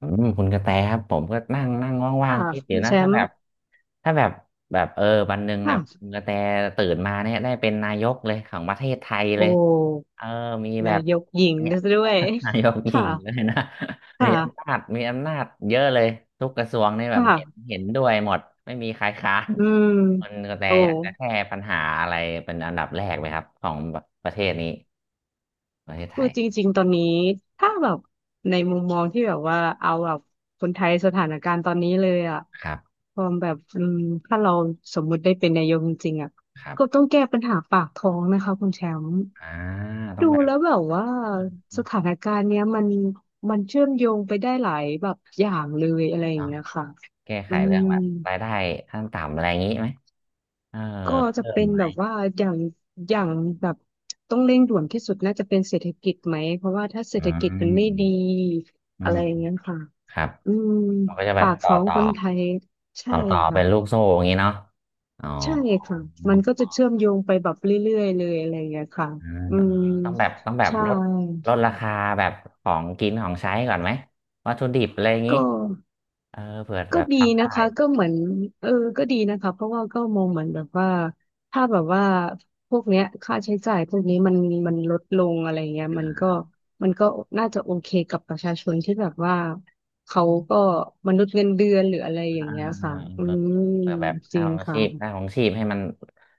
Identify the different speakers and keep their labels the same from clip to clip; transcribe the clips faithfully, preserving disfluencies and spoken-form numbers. Speaker 1: อืมคุณกระแตครับผมก็นั่งนั่งว่าง
Speaker 2: ค่ะ
Speaker 1: ๆคิดอ
Speaker 2: คุ
Speaker 1: ยู่
Speaker 2: ณแช
Speaker 1: นะถ้า
Speaker 2: ม
Speaker 1: แบ
Speaker 2: ป์
Speaker 1: บถ้าแบบแบบเออวันหนึ่งเนี่
Speaker 2: ค่ะ
Speaker 1: ยคุณกระแตตื่นมาเนี่ยได้เป็นนายกเลยของประเทศไทย
Speaker 2: โอ
Speaker 1: เลย
Speaker 2: ้
Speaker 1: เออมีแบ
Speaker 2: นา
Speaker 1: บ
Speaker 2: ยกหญิง
Speaker 1: เนี่
Speaker 2: ด
Speaker 1: ย
Speaker 2: ้วย
Speaker 1: นายกห ญิงเล
Speaker 2: ค่ะ
Speaker 1: ยนะ มีอำ
Speaker 2: ค่ะ
Speaker 1: นาจมีอำนาจเยอะเลยทุกกระทรวงนี่แบบเห็น
Speaker 2: ค่ะ
Speaker 1: เห็นด้วยหมดไม่มีใครค้าน
Speaker 2: อืม
Speaker 1: คุณกระแต
Speaker 2: โอ้
Speaker 1: อยากจะแก้ปัญหาอะไรเป็นอันดับแรกไหมครับของประเทศนี้ประเทศไท
Speaker 2: คือ
Speaker 1: ย
Speaker 2: จริงๆตอนนี้ถ้าแบบในมุมมองที่แบบว่าเอาแบบคนไทยสถานการณ์ตอนนี้เลยอะ
Speaker 1: ครับ
Speaker 2: ความแบบอืมถ้าเราสมมุติได้เป็นนายกจริงๆอะ
Speaker 1: ครับ
Speaker 2: ก็ต้องแก้ปัญหาปากท้องนะคะคุณแชมป์
Speaker 1: อ่าต้อ
Speaker 2: ดู
Speaker 1: งแบบ
Speaker 2: แล้วแบบว่าสถานการณ์เนี้ยมันมันเชื่อมโยงไปได้หลายแบบอย่างเลยอะไรอย่างเงี้ยค่ะ
Speaker 1: แก้ไข
Speaker 2: อื
Speaker 1: เรื่อง
Speaker 2: ม
Speaker 1: แบบรายได้ขั้นต่ำอะไรอย่างนี้ไหมเออ
Speaker 2: ก็จะ
Speaker 1: เพิ่ม
Speaker 2: เป็น
Speaker 1: ไหม
Speaker 2: แบบว่าอย่างอย่างแบบต้องเร่งด่วนที่สุดน่าจะเป็นเศรษฐกิจไหมเพราะว่าถ้าเศรษ
Speaker 1: อื
Speaker 2: ฐกิจมันไม่ดี
Speaker 1: มอื
Speaker 2: อะ
Speaker 1: ม
Speaker 2: ไรอย่างเงี้ยค่ะ
Speaker 1: ครับ
Speaker 2: อืม
Speaker 1: มันก็จะแบ
Speaker 2: ปา
Speaker 1: บ
Speaker 2: ก
Speaker 1: ต่อ
Speaker 2: ท้อง
Speaker 1: ต่อ
Speaker 2: คนไทยใช่
Speaker 1: ต่อต่อเป็นลูก
Speaker 2: ค่ะ
Speaker 1: โซ่อย่างนี้เนาะอ๋อ
Speaker 2: ใช่ค่ะมันก็จะเชื่อมโยงไปแบบเรื่อยๆเลยอะไรอย่างเงี้ยค่ะ
Speaker 1: เออ
Speaker 2: อื
Speaker 1: เออ
Speaker 2: ม
Speaker 1: ต้องแบบต้องแบบ
Speaker 2: ใช่
Speaker 1: ลดลดราคาแบบของกินของใช้ก่อนไหมวัตถุดิบอะไรอย่าง
Speaker 2: ก็
Speaker 1: นี้เออเผื่อ
Speaker 2: ก็
Speaker 1: แบบ
Speaker 2: ดี
Speaker 1: ทำ
Speaker 2: นะ
Speaker 1: ได้
Speaker 2: คะก็เหมือนเออก็ดีนะคะเพราะว่าก็มองเหมือนแบบว่าถ้าแบบว่าพวกเนี้ยค่าใช้จ่ายพวกนี้มันมันลดลงอะไรเงี้ยมันก็มันก็น่าจะโอเคกับประชาชนที่แบบว่าเขาก็มนุษย์เงินเดือนหรืออะไร
Speaker 1: อ่า
Speaker 2: อย่างเงี้ยค่ะ
Speaker 1: อ่า
Speaker 2: อื
Speaker 1: อ่า
Speaker 2: ม
Speaker 1: เผื่อแบบ
Speaker 2: จ
Speaker 1: ค่า
Speaker 2: ริง
Speaker 1: ของ
Speaker 2: ค่ะ
Speaker 1: ชีพค่าของชีพให้มัน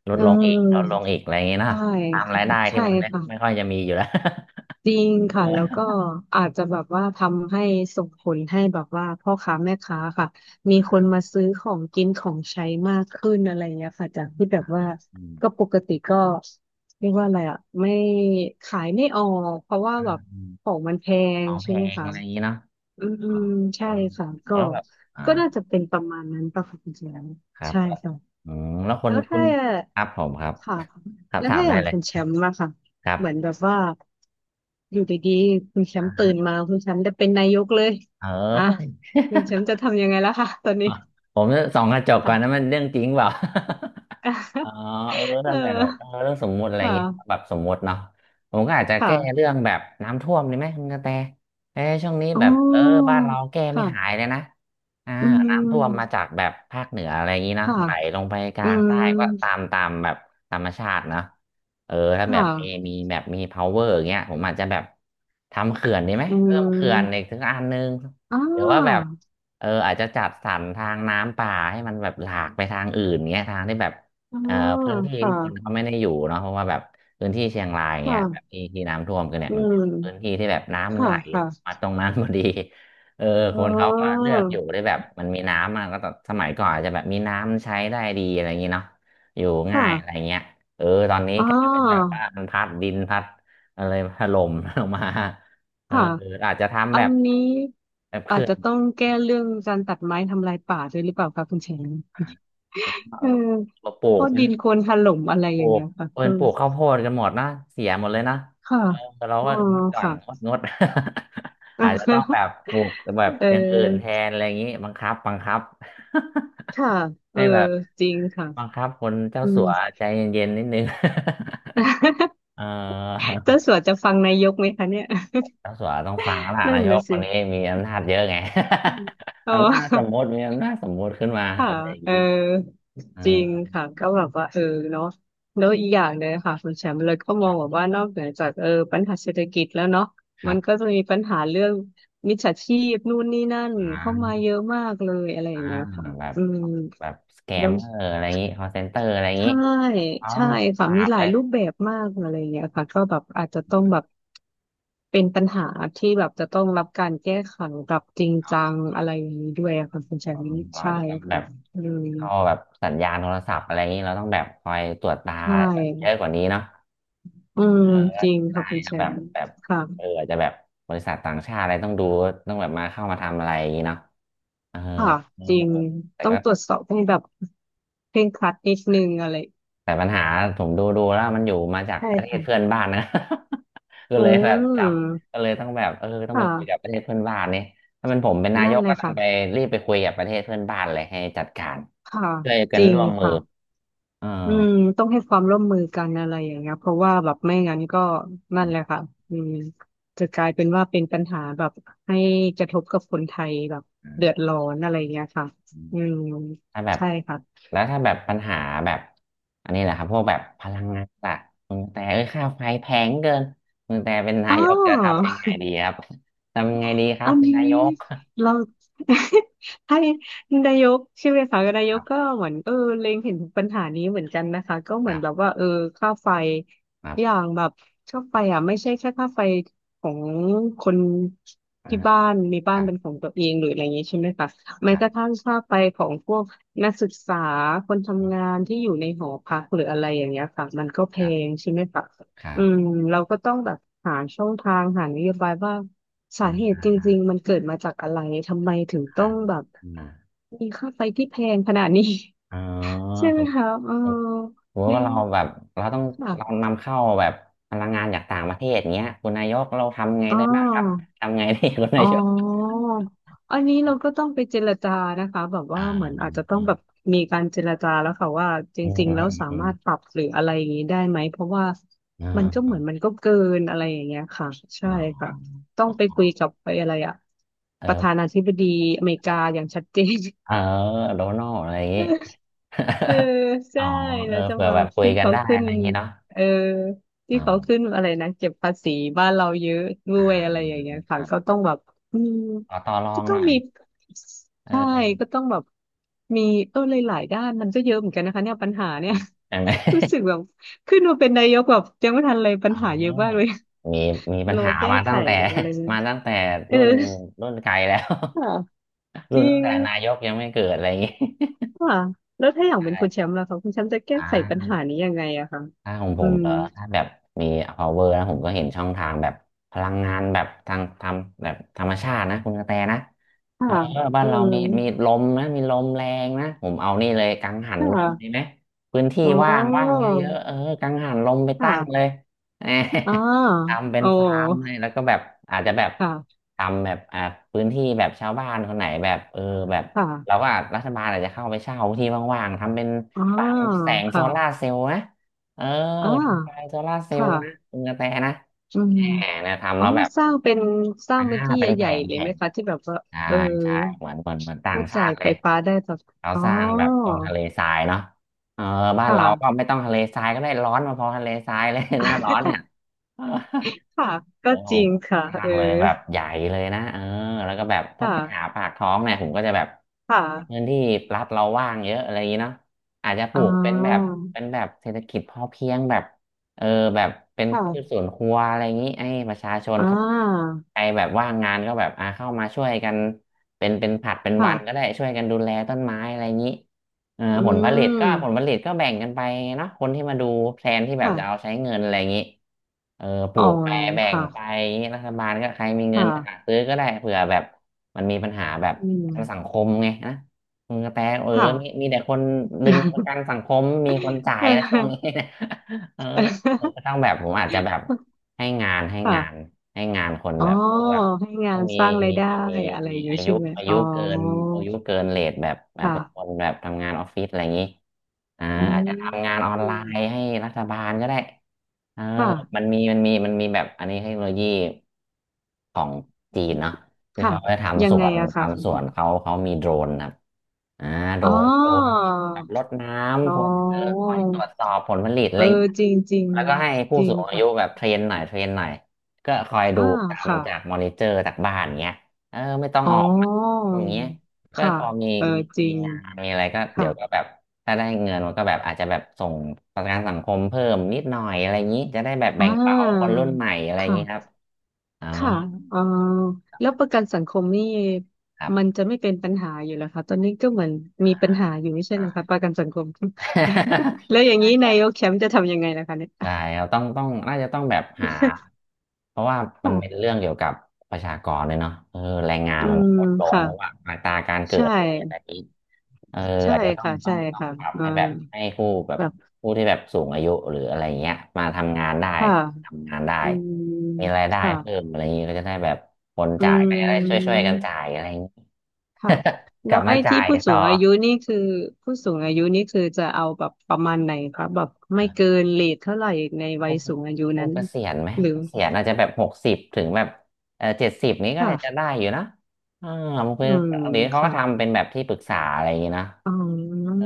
Speaker 1: ล
Speaker 2: เ
Speaker 1: ดลงอีกลด
Speaker 2: ออ
Speaker 1: ลงอีกอะไรอย่างนี้เนาะ
Speaker 2: ใช่
Speaker 1: ตามรายได้ที่
Speaker 2: ใช่
Speaker 1: มันไม่ไม่
Speaker 2: ค่ะ
Speaker 1: ค่อยจะมีอยู่แล้ว
Speaker 2: จริงค่ะแล้ว
Speaker 1: เ
Speaker 2: ก็อาจจะแบบว่าทำให้ส่งผลให้แบบว่าพ่อค้าแม่ค้าค่ะมีคนมาซื้อของกินของใช้มากขึ้นอะไรเงี้ยค่ะจากที่แบบว่าก็
Speaker 1: ออ
Speaker 2: ปกติก็เรียกว่าอะไรอ่ะไม่ขายไม่ออกเพราะว่า
Speaker 1: อื
Speaker 2: แบ
Speaker 1: ม
Speaker 2: บ
Speaker 1: อืม
Speaker 2: ของมันแพ
Speaker 1: ข
Speaker 2: ง
Speaker 1: องแพ
Speaker 2: ใช่ไหม
Speaker 1: ง
Speaker 2: คะ
Speaker 1: อะไรอย่างนี้เนาะ
Speaker 2: อืมอื
Speaker 1: อ๋อ
Speaker 2: มใช่
Speaker 1: อืม
Speaker 2: ค่ะก็
Speaker 1: แล้วแบบ อ่า
Speaker 2: ก็น่าจะเป็นประมาณนั้นประมาณนี้แล้ว
Speaker 1: ครับ
Speaker 2: ใช่ค่ะ
Speaker 1: อืมแล้วค
Speaker 2: แล้
Speaker 1: น
Speaker 2: ว
Speaker 1: คุ
Speaker 2: ถ้า
Speaker 1: ณครับผมครับ
Speaker 2: ค่ะ
Speaker 1: ครับ
Speaker 2: แล้ว
Speaker 1: ถาม
Speaker 2: ถ้าอ
Speaker 1: ได้
Speaker 2: ย่าง
Speaker 1: เลย
Speaker 2: คุณแชมป์อะค่ะ
Speaker 1: ครับ
Speaker 2: เหมือนแบบว่าอยู่ดีๆคุณแช
Speaker 1: อ่
Speaker 2: มป์ตื่น
Speaker 1: า
Speaker 2: มาคุณแชมป์ได้เป็นนายกเลย
Speaker 1: เออ
Speaker 2: อ่ะคุณแชม ป์จะทำยังไงล่ะคะตอนนี้
Speaker 1: ผมจะส่องกระจกก่อ
Speaker 2: ค่ะ
Speaker 1: นนะมันเรื่องจริงเปล่า อ๋อเออ
Speaker 2: เ
Speaker 1: ทำไมแบบเออ
Speaker 2: ออ
Speaker 1: เรื่องสมมุติอะไร
Speaker 2: ค
Speaker 1: เงี้ยแบ
Speaker 2: ่ะ
Speaker 1: บสมมุติเนาะผมก็อาจจะ
Speaker 2: ค่ะ
Speaker 1: แก้เรื่องแบบน้ำท่วมดีไหมคุณกระแตเอ้ช่วงนี้
Speaker 2: อ๋
Speaker 1: แบบเออ
Speaker 2: อ
Speaker 1: บ้านเราแก้ไม่หาย
Speaker 2: ค่ะ
Speaker 1: เลยนะอ่า
Speaker 2: อื
Speaker 1: น้ำท่วมมา
Speaker 2: ม
Speaker 1: จากแบบภาคเหนืออะไรอย่างนี้เนาะ
Speaker 2: ค่ะ
Speaker 1: ไหลลงไปก
Speaker 2: อื
Speaker 1: ลางใต้ก็ตา
Speaker 2: ม
Speaker 1: มตามแบบธรรมชาติเนาะเออถ้า
Speaker 2: ค
Speaker 1: แบบมี
Speaker 2: ่ะ
Speaker 1: มีแบบมี power อย่างเงี้ยผมอาจจะแบบทำเขื่อนดีไหม
Speaker 2: อื
Speaker 1: เพิ่มเขื่อนอีก
Speaker 2: ม
Speaker 1: ถึงอันนึง
Speaker 2: อ่
Speaker 1: หรือว่าแบบ
Speaker 2: า
Speaker 1: เอออาจจะจัดสรรทางน้ำป่าให้มันแบบหลากไปทางอื่นเงี้ยทางที่แบบ
Speaker 2: อ่า
Speaker 1: เอ่อพื้นที่ที่คน
Speaker 2: ค่ะ
Speaker 1: เขาไม่ได้อยู่เนาะเพราะว่าแบบพื้นที่เชียงรายอย่าง
Speaker 2: ค
Speaker 1: เงี้ยแบบ
Speaker 2: ่ะ
Speaker 1: ที่ที่น้ำท่วมกันเนี่ย
Speaker 2: อื
Speaker 1: มันเป็น
Speaker 2: ม
Speaker 1: พื้นที่ที่แบบน้ำมันไห
Speaker 2: ค่ะ
Speaker 1: ล
Speaker 2: ค่ะ
Speaker 1: มาตรงนั้นพอดี เออค
Speaker 2: อ๋
Speaker 1: นเขาก็
Speaker 2: อ
Speaker 1: เลือกอยู่ที่แบบมันมีน้ำอะก็ต้องสมัยก่อนอาจจะแบบมีน้ำใช้ได้ดีอะไรอย่างเงี้เนาะอยู่ง่า
Speaker 2: ค่ะ
Speaker 1: ยอะไรเงี้ยเออตอนนี้
Speaker 2: อ่
Speaker 1: กลายเป็นแบบ
Speaker 2: า
Speaker 1: ว่ามันพัดดินพัดอะไรถล่ม ลงมาเออ
Speaker 2: ค่ะ
Speaker 1: อาจจะทำ
Speaker 2: อั
Speaker 1: แบ
Speaker 2: น
Speaker 1: บ
Speaker 2: นี้
Speaker 1: แบบ
Speaker 2: อาจ
Speaker 1: เขื่อ
Speaker 2: จะ
Speaker 1: น
Speaker 2: ต้องแก้เรื่องการตัดไม้ทำลายป่าด้วยหรือเปล่าคะคุณแชมป์
Speaker 1: เอ
Speaker 2: เออ
Speaker 1: อปลู
Speaker 2: เพ
Speaker 1: ก
Speaker 2: ราะ
Speaker 1: เป็น
Speaker 2: ดินโคลนถล่มอะไร
Speaker 1: ป
Speaker 2: อ
Speaker 1: ลู
Speaker 2: ย่าง
Speaker 1: ก
Speaker 2: เงี้ยค่ะ
Speaker 1: เอิ
Speaker 2: เออ
Speaker 1: ปลูกข้าวโพดกันหมดนะเสียหมดเลยนะ
Speaker 2: ค่ะ
Speaker 1: เออเรา
Speaker 2: อ๋อ
Speaker 1: ก็งดก่อน
Speaker 2: ค่ะ
Speaker 1: งดงด อาจจะต้องแบ บปลูกแบบ
Speaker 2: เ
Speaker 1: อย่างอื่นแท
Speaker 2: ออ
Speaker 1: นอะไรอย่างนี้บังคับบังคับ
Speaker 2: ค่ะ เออ
Speaker 1: ให้แบบ
Speaker 2: จริงค่ะ
Speaker 1: บังคับคนเจ้า
Speaker 2: อื
Speaker 1: สั
Speaker 2: ม
Speaker 1: วใจเย็นๆนิดนึง เอ อ
Speaker 2: เจ้าสัวจะฟังนายกไหมคะเนี่ย
Speaker 1: เจ้าสัวต้องฟังแล้วล่ะ
Speaker 2: นั่น
Speaker 1: นายก
Speaker 2: นะ
Speaker 1: ค
Speaker 2: สิ
Speaker 1: นนี้มีอำนาจเยอะไง
Speaker 2: อม อ๋อ
Speaker 1: อำนาจสมมติมีอำนาจสมมติขึ้นมา
Speaker 2: ค่ะ
Speaker 1: อะไรอย่าง
Speaker 2: เออ
Speaker 1: นี้เอ
Speaker 2: จริง
Speaker 1: อ
Speaker 2: ค่ะ ก็แบบว่าเออเนาะแล้วอีกอย่างเลยค่ะคุณแชมป์เลยก็ม
Speaker 1: ค
Speaker 2: อง
Speaker 1: รั
Speaker 2: แบบ
Speaker 1: บ
Speaker 2: ว่านอกเหนือจากเออปัญหาเศรษฐกิจแล้วเนาะ
Speaker 1: ค
Speaker 2: มั
Speaker 1: รั
Speaker 2: น
Speaker 1: บ
Speaker 2: ก็จะมีปัญหาเรื่องมิจฉาชีพนู่นนี่นั่น
Speaker 1: อ่า
Speaker 2: เข้ามาเยอะมากเลยอะไรอ
Speaker 1: อ่า
Speaker 2: ย่างเงี้ยค่ะ
Speaker 1: แบบ
Speaker 2: อืม
Speaker 1: แบบสแก
Speaker 2: แล้
Speaker 1: ม
Speaker 2: ว
Speaker 1: เมอร์อะไรอย่างนี้คอลเซ็นเตอร์อะไรอย่าง
Speaker 2: ใช่
Speaker 1: นี้เอา
Speaker 2: ใช่
Speaker 1: ป
Speaker 2: ค่ะ
Speaker 1: รา
Speaker 2: มี
Speaker 1: บ
Speaker 2: หลา
Speaker 1: เล
Speaker 2: ย
Speaker 1: ย
Speaker 2: รูปแบบมากอะไรอย่างเงี้ยค่ะก็แบบอาจจะต้องแบบเป็นปัญหาที่แบบจะต้องรับการแก้ไขแบบจริงจังอะไรอย่างนี้ด้วยอะค่ะคุณแช
Speaker 1: อื
Speaker 2: มป์
Speaker 1: มเราอ
Speaker 2: ใช่
Speaker 1: จะต้องแบ
Speaker 2: ค่ะ
Speaker 1: บ
Speaker 2: อืม
Speaker 1: เข้าแบบสัญญาณโทรศัพท์อะไรอย่างนี้เราต้องแบบคอยตรวจตา
Speaker 2: ใช่
Speaker 1: แบบเยอะกว่านี้เนาะ
Speaker 2: อืม
Speaker 1: เออแล้
Speaker 2: จ
Speaker 1: ว
Speaker 2: ริง
Speaker 1: ได้
Speaker 2: ค่ะคุณแช
Speaker 1: นะแบ
Speaker 2: ม
Speaker 1: บ
Speaker 2: ป์
Speaker 1: แบบ
Speaker 2: ค่ะ
Speaker 1: เอออาจจะแบบบริษัทต่างชาติอะไรต้องดูต้องแบบมาเข้ามาทำอะไรอย่างนี้เนาะเออ
Speaker 2: ค่ะ
Speaker 1: เออ
Speaker 2: จริง
Speaker 1: แต่
Speaker 2: ต้อง
Speaker 1: ก็
Speaker 2: ตรวจสอบให้แบบเคร่งครัดนิดนึงอะไร
Speaker 1: แต่ปัญหาผมดูดูแล้วมันอยู่มาจาก
Speaker 2: ใช่
Speaker 1: ประเทศเพื่อน
Speaker 2: ค่ะ
Speaker 1: บ้านนะ ก็
Speaker 2: อื
Speaker 1: เลยแบบจับ
Speaker 2: ม
Speaker 1: ก็เลยต้องแบบเออต้อ
Speaker 2: ค
Speaker 1: งไปคุยกับป
Speaker 2: ่ะ
Speaker 1: ระเทศเพื่อนบ้านนี่ถ้ามันผมเป็นนา
Speaker 2: นั่
Speaker 1: ย
Speaker 2: น
Speaker 1: ก
Speaker 2: เล
Speaker 1: ก็
Speaker 2: ย
Speaker 1: ต้อง
Speaker 2: ค่ะ
Speaker 1: ไปรีบไปคุยกับประเทศเพื่อนบ้านเลยให้จัดการ
Speaker 2: ค่ะ
Speaker 1: ช่วยกั
Speaker 2: จ
Speaker 1: น
Speaker 2: ริง
Speaker 1: ร่วมมือ
Speaker 2: ค่ะ
Speaker 1: เออ
Speaker 2: อืมต้องให้ความร่วมมือกันอะไรอย่างเงี้ยเพราะว่าแบบไม่งั้นก็นั่นแหละค่ะอืมจะกลายเป็นว่าเป็นปัญหาแบบให้กระทบกับคนไทยแบบเดือดร้อนอะไรอย่างเงี้ยค่ะ
Speaker 1: อืม
Speaker 2: อืม
Speaker 1: ถ้าแบบ
Speaker 2: ใช่ค่ะ
Speaker 1: แล้วถ้าแบบปัญหาแบบอันนี้แหละครับพวกแบบพลังงานอะคุณแต่เอ้ยค่าไฟแพงเกินคุณแต่เป็นนา
Speaker 2: อ๋อ
Speaker 1: ยกจะทำยังไงดีครับทำยังไงดีครั
Speaker 2: อั
Speaker 1: บ
Speaker 2: น
Speaker 1: คุณ
Speaker 2: นี้
Speaker 1: นายก
Speaker 2: เรา ให้นายกใช่ไหมคะนา ย
Speaker 1: ค
Speaker 2: ก
Speaker 1: รับ
Speaker 2: ก็เหมือนเออเล็งเห็นปัญหานี้เหมือนกันนะคะก็เห
Speaker 1: ค
Speaker 2: มือ
Speaker 1: รั
Speaker 2: น
Speaker 1: บ
Speaker 2: แบบว่าเออค่าไฟ
Speaker 1: ครั
Speaker 2: อย่า
Speaker 1: บ
Speaker 2: งแบบค่าไฟอ่ะไม่ใช่แค่ค่าไฟของคน
Speaker 1: อ่า
Speaker 2: ที่บ้านมี
Speaker 1: ค
Speaker 2: บ้าน
Speaker 1: รับ
Speaker 2: เป็นของตัวเองหรืออะไรอย่างนี้ใช่ไหมคะแม้
Speaker 1: ครั
Speaker 2: กระ
Speaker 1: บ
Speaker 2: ทั่งค่าไฟของพวกนักศึกษาคนทำงานที่อยู่ในหอพักหรืออะไรอย่างเงี้ยค่ะมันก็แพ
Speaker 1: ครั
Speaker 2: ง
Speaker 1: บ
Speaker 2: ใช่ไหมคะ
Speaker 1: ครั
Speaker 2: อืม
Speaker 1: บ
Speaker 2: เราก็ต้องแบบหาช่องทางหานโยบายว่าสา
Speaker 1: อ่า
Speaker 2: เหตุ
Speaker 1: อ่า
Speaker 2: จ
Speaker 1: อ่า
Speaker 2: ริงๆมันเกิดมาจากอะไรทำไมถึงต้
Speaker 1: อ่า
Speaker 2: องแบบ
Speaker 1: อืม
Speaker 2: มีค่าไฟที่แพงขนาดนี้
Speaker 1: เ
Speaker 2: ใช่ไหมคะเออ
Speaker 1: อ๋อถือ
Speaker 2: เนี่
Speaker 1: ว่า
Speaker 2: ย
Speaker 1: เราแบบเราต้องเรา
Speaker 2: ค่ะ
Speaker 1: นำเข้าแบบพลังงานจากต่างประเทศเนี้ยคุณนายกเราทำไง
Speaker 2: อ๋อ
Speaker 1: ได้บ้างครับทำไงดี คุณ
Speaker 2: อ๋
Speaker 1: นา
Speaker 2: อ
Speaker 1: ยก
Speaker 2: อันนี้เราก็ต้องไปเจรจานะคะแบบ
Speaker 1: อ่
Speaker 2: ว่าเหมือนอาจจะ
Speaker 1: า
Speaker 2: ต้องแบบมีการเจรจาแล้วค่ะว่าจ
Speaker 1: อืม
Speaker 2: ริง
Speaker 1: อื
Speaker 2: ๆ
Speaker 1: ม
Speaker 2: แล้วสา
Speaker 1: อืม
Speaker 2: มารถปรับหรืออะไรอย่างนี้ได้ไหมเพราะว่า
Speaker 1: อืม
Speaker 2: มันก็เห
Speaker 1: อ่า
Speaker 2: มือนมันก็เกินอะไรอย่างเงี้ยค่ะใช่
Speaker 1: อ๋อ
Speaker 2: ค่ะต้องไปคุยกับไปอะไรอะ
Speaker 1: เอ
Speaker 2: ประธานา
Speaker 1: อ
Speaker 2: ธิบดีอเมริกาอย่างชัดเจน
Speaker 1: เออโดนัลอะไรอย่างงี้
Speaker 2: เออ
Speaker 1: อ๋อ
Speaker 2: ใช่
Speaker 1: เอ
Speaker 2: แล้
Speaker 1: อ
Speaker 2: วจะ
Speaker 1: เผื่อ
Speaker 2: มา
Speaker 1: แบบคุย
Speaker 2: ที่
Speaker 1: กัน
Speaker 2: เขา
Speaker 1: ได้
Speaker 2: ขึ้
Speaker 1: อะ
Speaker 2: น
Speaker 1: ไรอย่างงี้เนาะ
Speaker 2: เออ
Speaker 1: อ๋
Speaker 2: ที่
Speaker 1: อ
Speaker 2: เขาขึ้นอะไรนะเก็บภาษีบ้านเราเยอะด้
Speaker 1: อ่า
Speaker 2: วยอะไรอย่างเงี้ยค่ะ
Speaker 1: อ่า
Speaker 2: ก็ต้องแบบอืม
Speaker 1: ขอต่อรอ
Speaker 2: ก็
Speaker 1: งห
Speaker 2: ต้อ
Speaker 1: น่
Speaker 2: ง
Speaker 1: อย
Speaker 2: มีใช่
Speaker 1: เออ
Speaker 2: ก็ต้องแบบมีเออหลายๆด้านมันก็เยอะเหมือนกันนะคะเนี่ยปัญหาเนี่ย
Speaker 1: ใช่ไหม
Speaker 2: รู้สึกแบบขึ้นมาเป็นนายกแบบยังไม่ทันเลยปั
Speaker 1: อ๋
Speaker 2: ญหาเยอะมากเล
Speaker 1: อ
Speaker 2: ย
Speaker 1: มีมีปัญ
Speaker 2: รอ
Speaker 1: หา
Speaker 2: แก้
Speaker 1: มา
Speaker 2: ไข
Speaker 1: ตั้งแต่
Speaker 2: อะไร เนี่ย
Speaker 1: มาตั้งแต่
Speaker 2: เออ
Speaker 1: รุ่นรุ่นไกลแล้ว
Speaker 2: ค่ะ จ
Speaker 1: รุ่น
Speaker 2: ริ
Speaker 1: ตั้ง
Speaker 2: ง
Speaker 1: แต่นายกยังไม่เกิดอะไรอย่างงี้
Speaker 2: ค่ะแล้วถ้าอ ย่างเป็นคุณแช
Speaker 1: ใช่
Speaker 2: มป์ล่ะคะคุณแชมป์จะแก้ไขปัญ
Speaker 1: อ่า
Speaker 2: หานี้ยังไงอะคะ
Speaker 1: ถ้าของผ
Speaker 2: อื
Speaker 1: ม
Speaker 2: ม
Speaker 1: เหรอถ้าแบบมี power นะผมก็เห็นช่องทางแบบพลังงานแบบทางทำแบบธรรมชาตินะคุณกระแตนะเออ
Speaker 2: ค่ะ
Speaker 1: บ้าน
Speaker 2: อื
Speaker 1: เรา
Speaker 2: ม
Speaker 1: มีมีลมนะมีลมแรงนะผมเอานี่เลยกังหัน
Speaker 2: ค่
Speaker 1: ลมดี
Speaker 2: ะ
Speaker 1: ไหมพื้นที่
Speaker 2: อ๋อ
Speaker 1: ว่างว่างเยอะๆเออกังหันลมไปตั้งเลย
Speaker 2: ค่ะ
Speaker 1: แหม
Speaker 2: อ๋อ
Speaker 1: ทำเป็น
Speaker 2: โอ้
Speaker 1: ฟาร์มเลยแล้วก็แบบอาจจะแบบ
Speaker 2: ค่ะ
Speaker 1: ทำแบบอ่าพื้นที่แบบชาวบ้านคนไหนแบบเออแบบ
Speaker 2: ค
Speaker 1: เราก็
Speaker 2: ่ะ
Speaker 1: อาจรัฐบาลอาจจะเข้าไปเช่าที่ว่างๆทำเป็น
Speaker 2: อ๋อ
Speaker 1: ฟาร์มแสงโซ
Speaker 2: ค่ะ
Speaker 1: ลาร์เซลล์นะ เออ
Speaker 2: อ๋อ
Speaker 1: ทำไฟโซลาร์เซ
Speaker 2: ค
Speaker 1: ลล์นะ
Speaker 2: ่ะ
Speaker 1: คุณกระแตนะ
Speaker 2: อืม
Speaker 1: แหมเนี่ยทำ
Speaker 2: อ๋อ
Speaker 1: แล้วแบบ
Speaker 2: สร้างเป็นสร้าง
Speaker 1: อ่า
Speaker 2: เป็นที่
Speaker 1: เป็น
Speaker 2: ให
Speaker 1: แผ
Speaker 2: ญ่
Speaker 1: ง
Speaker 2: ๆเล
Speaker 1: แผ
Speaker 2: ยไหม
Speaker 1: ง
Speaker 2: คะที่แบบว่า
Speaker 1: ใช่
Speaker 2: เออ
Speaker 1: ใช่เหมือนเหมือนเหมือนต่า
Speaker 2: ก็
Speaker 1: งชา
Speaker 2: จ่าย
Speaker 1: ติเล
Speaker 2: ไฟ
Speaker 1: ย
Speaker 2: ฟ้าได้แบบ
Speaker 1: เรา
Speaker 2: อ๋อ
Speaker 1: สร้างแบบตรงทะเลทรายเนาะเออบ้านเราก็
Speaker 2: ค่ะ
Speaker 1: ไม่ต้องทะเลทรายก็ได้ร้อนมาพอทะเลทรายเลย หน้าร้อนเนี่ย เออ
Speaker 2: ค่ะ
Speaker 1: เอ
Speaker 2: ก็
Speaker 1: อข
Speaker 2: จ
Speaker 1: อง
Speaker 2: ริงค่ะ
Speaker 1: กว้า
Speaker 2: เอ
Speaker 1: ง
Speaker 2: อ
Speaker 1: เลยแบบใหญ่เลยนะเออแล้วก็แบบถ้าปัญหา
Speaker 2: ค่ะ
Speaker 1: ปากท้องเนี่ยผมก็จะแบบ
Speaker 2: ค่
Speaker 1: เงิน
Speaker 2: ะ
Speaker 1: ที่รัฐเราว่างเยอะอะไรอย่างนี้เนาะอาจจะปลู
Speaker 2: อ๋อ
Speaker 1: กเป็นแบบเป็นแบบเศรษฐกิจพอเพียงแบบเออแบบเป็นพืชส
Speaker 2: ค่ะ
Speaker 1: วนครัวอะไรอย่างนี้ไอ้ประชาชน
Speaker 2: อ่
Speaker 1: เข้ามา
Speaker 2: า
Speaker 1: ใครแบบว่างงานก็แบบอ่าเข้ามาช่วยกันเป็นเป็นผัดเป็นวันก็
Speaker 2: ค่ะ
Speaker 1: ได้ช่วยกันดูแลต้นไม้อะไรอย่างนี้ เออ
Speaker 2: อื
Speaker 1: ผลผลิตก็ผลผ
Speaker 2: ม
Speaker 1: ลิตก็แบ่งกันไปเนาะคนที่มาดูแพลนที่แบบจะเอา
Speaker 2: ค่ะ
Speaker 1: ใช้เงินอะไรอย่างนี้เออป
Speaker 2: อ๋
Speaker 1: ลู
Speaker 2: อ
Speaker 1: กไปแบ่งไป
Speaker 2: ค่ะ
Speaker 1: รัฐบาลก็ใครมี
Speaker 2: ค
Speaker 1: เงินก็อ่ะ
Speaker 2: ่ะ
Speaker 1: ซื้อก็ได้เผื่อแบบมันมีปัญหาแบบ
Speaker 2: อื
Speaker 1: ประกันสังค
Speaker 2: ม
Speaker 1: มไงนะคุณกระแตเออ
Speaker 2: ค่ะ
Speaker 1: มีมีแต่คนดึงประกั นสังคมมีคนจ่ายนะช่วงนี้ นะเออเออก็ต้องแบบผมอาจจะแบบให้งานให้
Speaker 2: ค่ะ
Speaker 1: งานให้งานคน
Speaker 2: อ๋อ
Speaker 1: แบบผู้แบบ
Speaker 2: ให้งา
Speaker 1: ต้อง
Speaker 2: น
Speaker 1: มี
Speaker 2: สร้างราย
Speaker 1: มี
Speaker 2: ได้
Speaker 1: มี
Speaker 2: อะไร
Speaker 1: มี
Speaker 2: อย่างงี้
Speaker 1: อายุ
Speaker 2: ใช่ไหม
Speaker 1: อา
Speaker 2: อ๋
Speaker 1: ยุ
Speaker 2: อ
Speaker 1: เกินอายุเกินเลทแบบแบบเป็นค
Speaker 2: ค่ะ
Speaker 1: นแบบทำงานออฟฟิศอะไรอย่างนี้ อ่า
Speaker 2: อื
Speaker 1: อาจจะทำงานออ
Speaker 2: ม
Speaker 1: นไลน์ให้รัฐบาลก็ได้เออ
Speaker 2: ค่ะ
Speaker 1: มันมีมันมีมันมีแบบอันนี้เทคโนโลยีของจีนเนาะที่
Speaker 2: ค่ะ
Speaker 1: เขาไป
Speaker 2: ยั
Speaker 1: ทำส
Speaker 2: งไง
Speaker 1: วน
Speaker 2: อะค่ะ
Speaker 1: ทำสวนเขาเขามีโดรนครับอ่าโดร
Speaker 2: อ๋อ
Speaker 1: นโดรนแบบรดน้
Speaker 2: อ๋
Speaker 1: ำ
Speaker 2: อ
Speaker 1: พลเออคอยตรวจสอบผลผลิตอะไร
Speaker 2: เออ
Speaker 1: เงี้ย
Speaker 2: จริงจริง
Speaker 1: แล้วก็ให้ผู้
Speaker 2: จริ
Speaker 1: สู
Speaker 2: ง
Speaker 1: งอายุแบ
Speaker 2: ค่ะ
Speaker 1: บเทรนหน่อยเทรนหน่อยก็คอยดู
Speaker 2: อ่า
Speaker 1: ตาม
Speaker 2: ค่ะ
Speaker 1: จากมอนิเตอร์จากบ้านเงี้ยเออไม่ต้อง
Speaker 2: อ๋อ
Speaker 1: ออกมาอย่างเงี้ยก็
Speaker 2: ค่ะ
Speaker 1: พอมี
Speaker 2: เออ
Speaker 1: มี
Speaker 2: จริ
Speaker 1: มี
Speaker 2: ง
Speaker 1: งานมีอะไรก็เดี๋
Speaker 2: ค่ะ
Speaker 1: ยวก็แบบ ถ้าได้เงินมันก็แบบอาจจะแบบส่งประกันสังคมเพิ่มนิดหน่อยอะไรอย่างนี้จะได้แบบ
Speaker 2: อ่
Speaker 1: แบ่งเบาคน
Speaker 2: า
Speaker 1: รุ่นใหม่อะไรอย่างนี้ครับ
Speaker 2: ค่ะ
Speaker 1: อ๋อ
Speaker 2: ค่ะเอ่อแล้วประกันสังคมนี่
Speaker 1: ครั
Speaker 2: มัน
Speaker 1: บ
Speaker 2: จะไม่เป็นปัญหาอยู่แล้วค่ะตอนนี้ก็เหมือนมีปัญหาอยู่ไม่ใช่เหรอคะป
Speaker 1: อ่
Speaker 2: ระกันสังคม
Speaker 1: า
Speaker 2: แล้วอย่างนี้นายกแชมป์จะทำยังไงล่ะคะเนี่ย
Speaker 1: ใช่ครับต้องต้องน่าจะต้องแบบหาเพราะว่ามันเป็น
Speaker 2: ค่ะ
Speaker 1: เรื่องเกี่ยวกับประชากรเลยเนาะเออแรงงาน
Speaker 2: อื
Speaker 1: มัน
Speaker 2: ม
Speaker 1: ลดลง
Speaker 2: ค่ะ
Speaker 1: เพราะว่าอัตราการเกิ
Speaker 2: ใช่
Speaker 1: ดด้วยอะไรนี้เออ
Speaker 2: ใช่
Speaker 1: อาจจะต้อง
Speaker 2: ค่ะ
Speaker 1: ต้อ
Speaker 2: ใช่
Speaker 1: งต้อง
Speaker 2: ค่ะ
Speaker 1: ปรับ
Speaker 2: เอ่อ
Speaker 1: ให้แบบให้ผู้แบบ
Speaker 2: แบบ
Speaker 1: ผู้ที่แบบสูงอายุหรืออะไรเงี้ยมาทำงานได้
Speaker 2: ค่ะ
Speaker 1: ทำงานได้
Speaker 2: อืม
Speaker 1: มีรายได้
Speaker 2: ค่ะ
Speaker 1: เพิ่มอะไรอย่างนี้ก็จะได้แบบคน
Speaker 2: อื
Speaker 1: จ่ายก็จะได้ช่ว
Speaker 2: ม
Speaker 1: ยๆกันจ่ายอะไรอย่างนี้
Speaker 2: ค่ะ
Speaker 1: ก
Speaker 2: แล้
Speaker 1: ลั
Speaker 2: ว
Speaker 1: บ
Speaker 2: ไอ้
Speaker 1: มาจ่า
Speaker 2: ที่
Speaker 1: ย
Speaker 2: ผู้สู
Speaker 1: ต่อ
Speaker 2: งอายุนี่คือผู้สูงอายุนี่คือจะเอาแบบประมาณไหนคะแบบไม่เกินเรทเท่าไหร่ในวั
Speaker 1: ผู้
Speaker 2: ยสูงอายุ
Speaker 1: ผู้
Speaker 2: นั้น
Speaker 1: เกษียณไหม
Speaker 2: หรือ
Speaker 1: เกษียณอาจจะแบบหกสิบถึงแบบเออเจ็ดสิบนี้ก็
Speaker 2: ค่ะ
Speaker 1: อาจจะได้อยู่นะอ่ามัน
Speaker 2: อื
Speaker 1: คือ
Speaker 2: ม
Speaker 1: บหรือเขาก็
Speaker 2: ค่ะ
Speaker 1: ทำเป็นแบบที่ปรึกษาอะไรอย่างนี้นะ
Speaker 2: อ๋อ
Speaker 1: เออ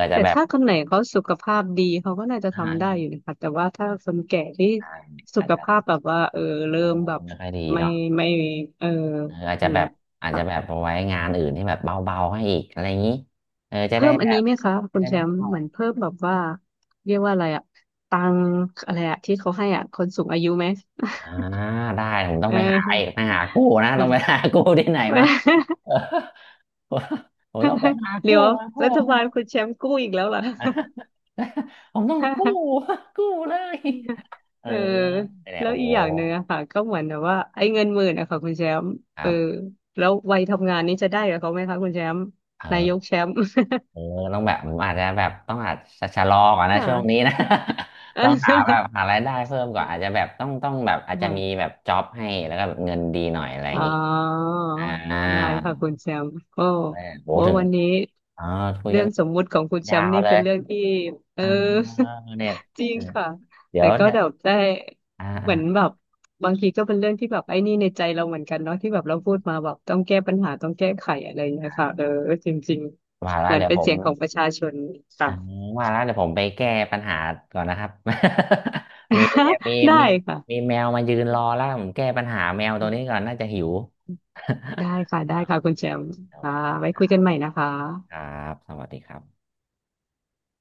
Speaker 1: อาจจะ
Speaker 2: แต่
Speaker 1: แบบ
Speaker 2: ถ้าคนไหนเขาสุขภาพดีเขาก็น่าจะ
Speaker 1: อ่า
Speaker 2: ทำได้อยู่นะคะแต่ว่าถ้าคนแก่ที่สุ
Speaker 1: อาจ
Speaker 2: ข
Speaker 1: จะ
Speaker 2: ภาพแบบว่าเออ
Speaker 1: เอ
Speaker 2: เริ่
Speaker 1: อ
Speaker 2: มแบบ
Speaker 1: ไม่ค่อยดี
Speaker 2: ไม่
Speaker 1: เนาะ
Speaker 2: ไม่เออ
Speaker 1: เอออาจ
Speaker 2: อ
Speaker 1: จะ
Speaker 2: ย่าง
Speaker 1: แบ
Speaker 2: เงี้ย
Speaker 1: บอาจจะ
Speaker 2: ค่ะ
Speaker 1: แบบเอาไว้งานอื่นที่แบบเบาๆให้อีกอะไรอย่างนี้เออจะ
Speaker 2: เพิ่
Speaker 1: ได้
Speaker 2: มอั
Speaker 1: แบ
Speaker 2: นนี้
Speaker 1: บ
Speaker 2: ไหมคะ
Speaker 1: จะ
Speaker 2: คุณ
Speaker 1: ได้
Speaker 2: แช
Speaker 1: ไม่
Speaker 2: มป์
Speaker 1: เข้า
Speaker 2: เหมือนเพิ่มแบบว่าเรียกว่าอะไรอะตังค์อะไรอะที่เขาให้อะคนสูงอายุไหม
Speaker 1: อ่าได้ผมต้อ
Speaker 2: เ
Speaker 1: งไปหาอีก
Speaker 2: ออ
Speaker 1: ไปหากู้นะต้องไป
Speaker 2: ค่ะ
Speaker 1: หากู้ที่ไหนมา เออผมผมต้องไปหา
Speaker 2: เดี๋
Speaker 1: กู้
Speaker 2: ยว
Speaker 1: มาเพิ่
Speaker 2: รัฐบาล
Speaker 1: ม
Speaker 2: คุณแชมป์กู้อีกแล้วเหรอ
Speaker 1: นะ ผมต้องกู้ กู้เลยเออ
Speaker 2: เออ
Speaker 1: เนี่ย
Speaker 2: แล้ว
Speaker 1: โอ้
Speaker 2: อีกอย่างหนึ่งอะค่ะก็เหมือนแบบว่าไอ้เงินหมื่นอะค่ะคุณแชมป์
Speaker 1: ค
Speaker 2: เอ
Speaker 1: รั
Speaker 2: อ
Speaker 1: บ
Speaker 2: แล้ววัยทำงานนี้จะได้กับเขาไหมคะคุณแชมป์นาย
Speaker 1: เออ
Speaker 2: กแชมป์
Speaker 1: เออต้องแบบผมอาจจะแบบต้องอาจจะชะลอก่อน นะ
Speaker 2: ค่
Speaker 1: ช่วงนี้นะ ต้องหาแบบหารายได้เพิ่มก่อนอาจจะแบบต้องต้องแบบอาจจะ
Speaker 2: ะ
Speaker 1: มีแบบจ็อบให้แล้วก็แบบเงินดีหน่อยอะไรอ
Speaker 2: อ๋
Speaker 1: ย่า
Speaker 2: อ
Speaker 1: งนี้อ่า
Speaker 2: ได้ค่ะคุณแชมป์ก็
Speaker 1: เออโห
Speaker 2: โอ้
Speaker 1: ถึง
Speaker 2: วันนี้
Speaker 1: อ๋อคุย
Speaker 2: เรื่
Speaker 1: กั
Speaker 2: อ
Speaker 1: น
Speaker 2: งสมมุติของคุณแช
Speaker 1: ยา
Speaker 2: มป์
Speaker 1: ว
Speaker 2: นี่
Speaker 1: เล
Speaker 2: เป็
Speaker 1: ย
Speaker 2: นเรื่องที่เออ
Speaker 1: อ่าเนี่ย
Speaker 2: จริงค่ะ
Speaker 1: เดี๋ย
Speaker 2: แต่
Speaker 1: ว
Speaker 2: ก็
Speaker 1: เนี่ย
Speaker 2: แบบได้
Speaker 1: อ่า
Speaker 2: เห
Speaker 1: อ่า
Speaker 2: มือนแบบบางทีก็เป็นเรื่องที่แบบไอ้นี่ในใจเราเหมือนกันเนาะที่แบบเราพูดมาแบบต้องแก้ปัญหาต้องแก้ไขอะไรอย่างเงี้ยค่ะเออจริง
Speaker 1: ว่า
Speaker 2: ๆ
Speaker 1: แล้
Speaker 2: เห
Speaker 1: ว
Speaker 2: มือน
Speaker 1: เดี๋ยว
Speaker 2: เป็
Speaker 1: ผ
Speaker 2: นเสี
Speaker 1: ม
Speaker 2: ยงของประชาชนค่ะ
Speaker 1: อ่าว่าแล้วเดี๋ยวผมไปแก้ปัญหาก่อนนะครับ มีเนี่ย มี
Speaker 2: ได้
Speaker 1: มีมี
Speaker 2: ค่ะ
Speaker 1: แมวมายืนรอแล้วผมแก้ปัญหาแมวตัวนี้ก่อนน่าจะหิว
Speaker 2: ได้ ค่ะได้
Speaker 1: โอ
Speaker 2: ค่ะคุ
Speaker 1: เค
Speaker 2: ณแชมป์
Speaker 1: โอ
Speaker 2: ค่ะ
Speaker 1: เค
Speaker 2: ไว้คุยกัน
Speaker 1: ค
Speaker 2: ใหม่นะคะ
Speaker 1: รับสวัสดีครับ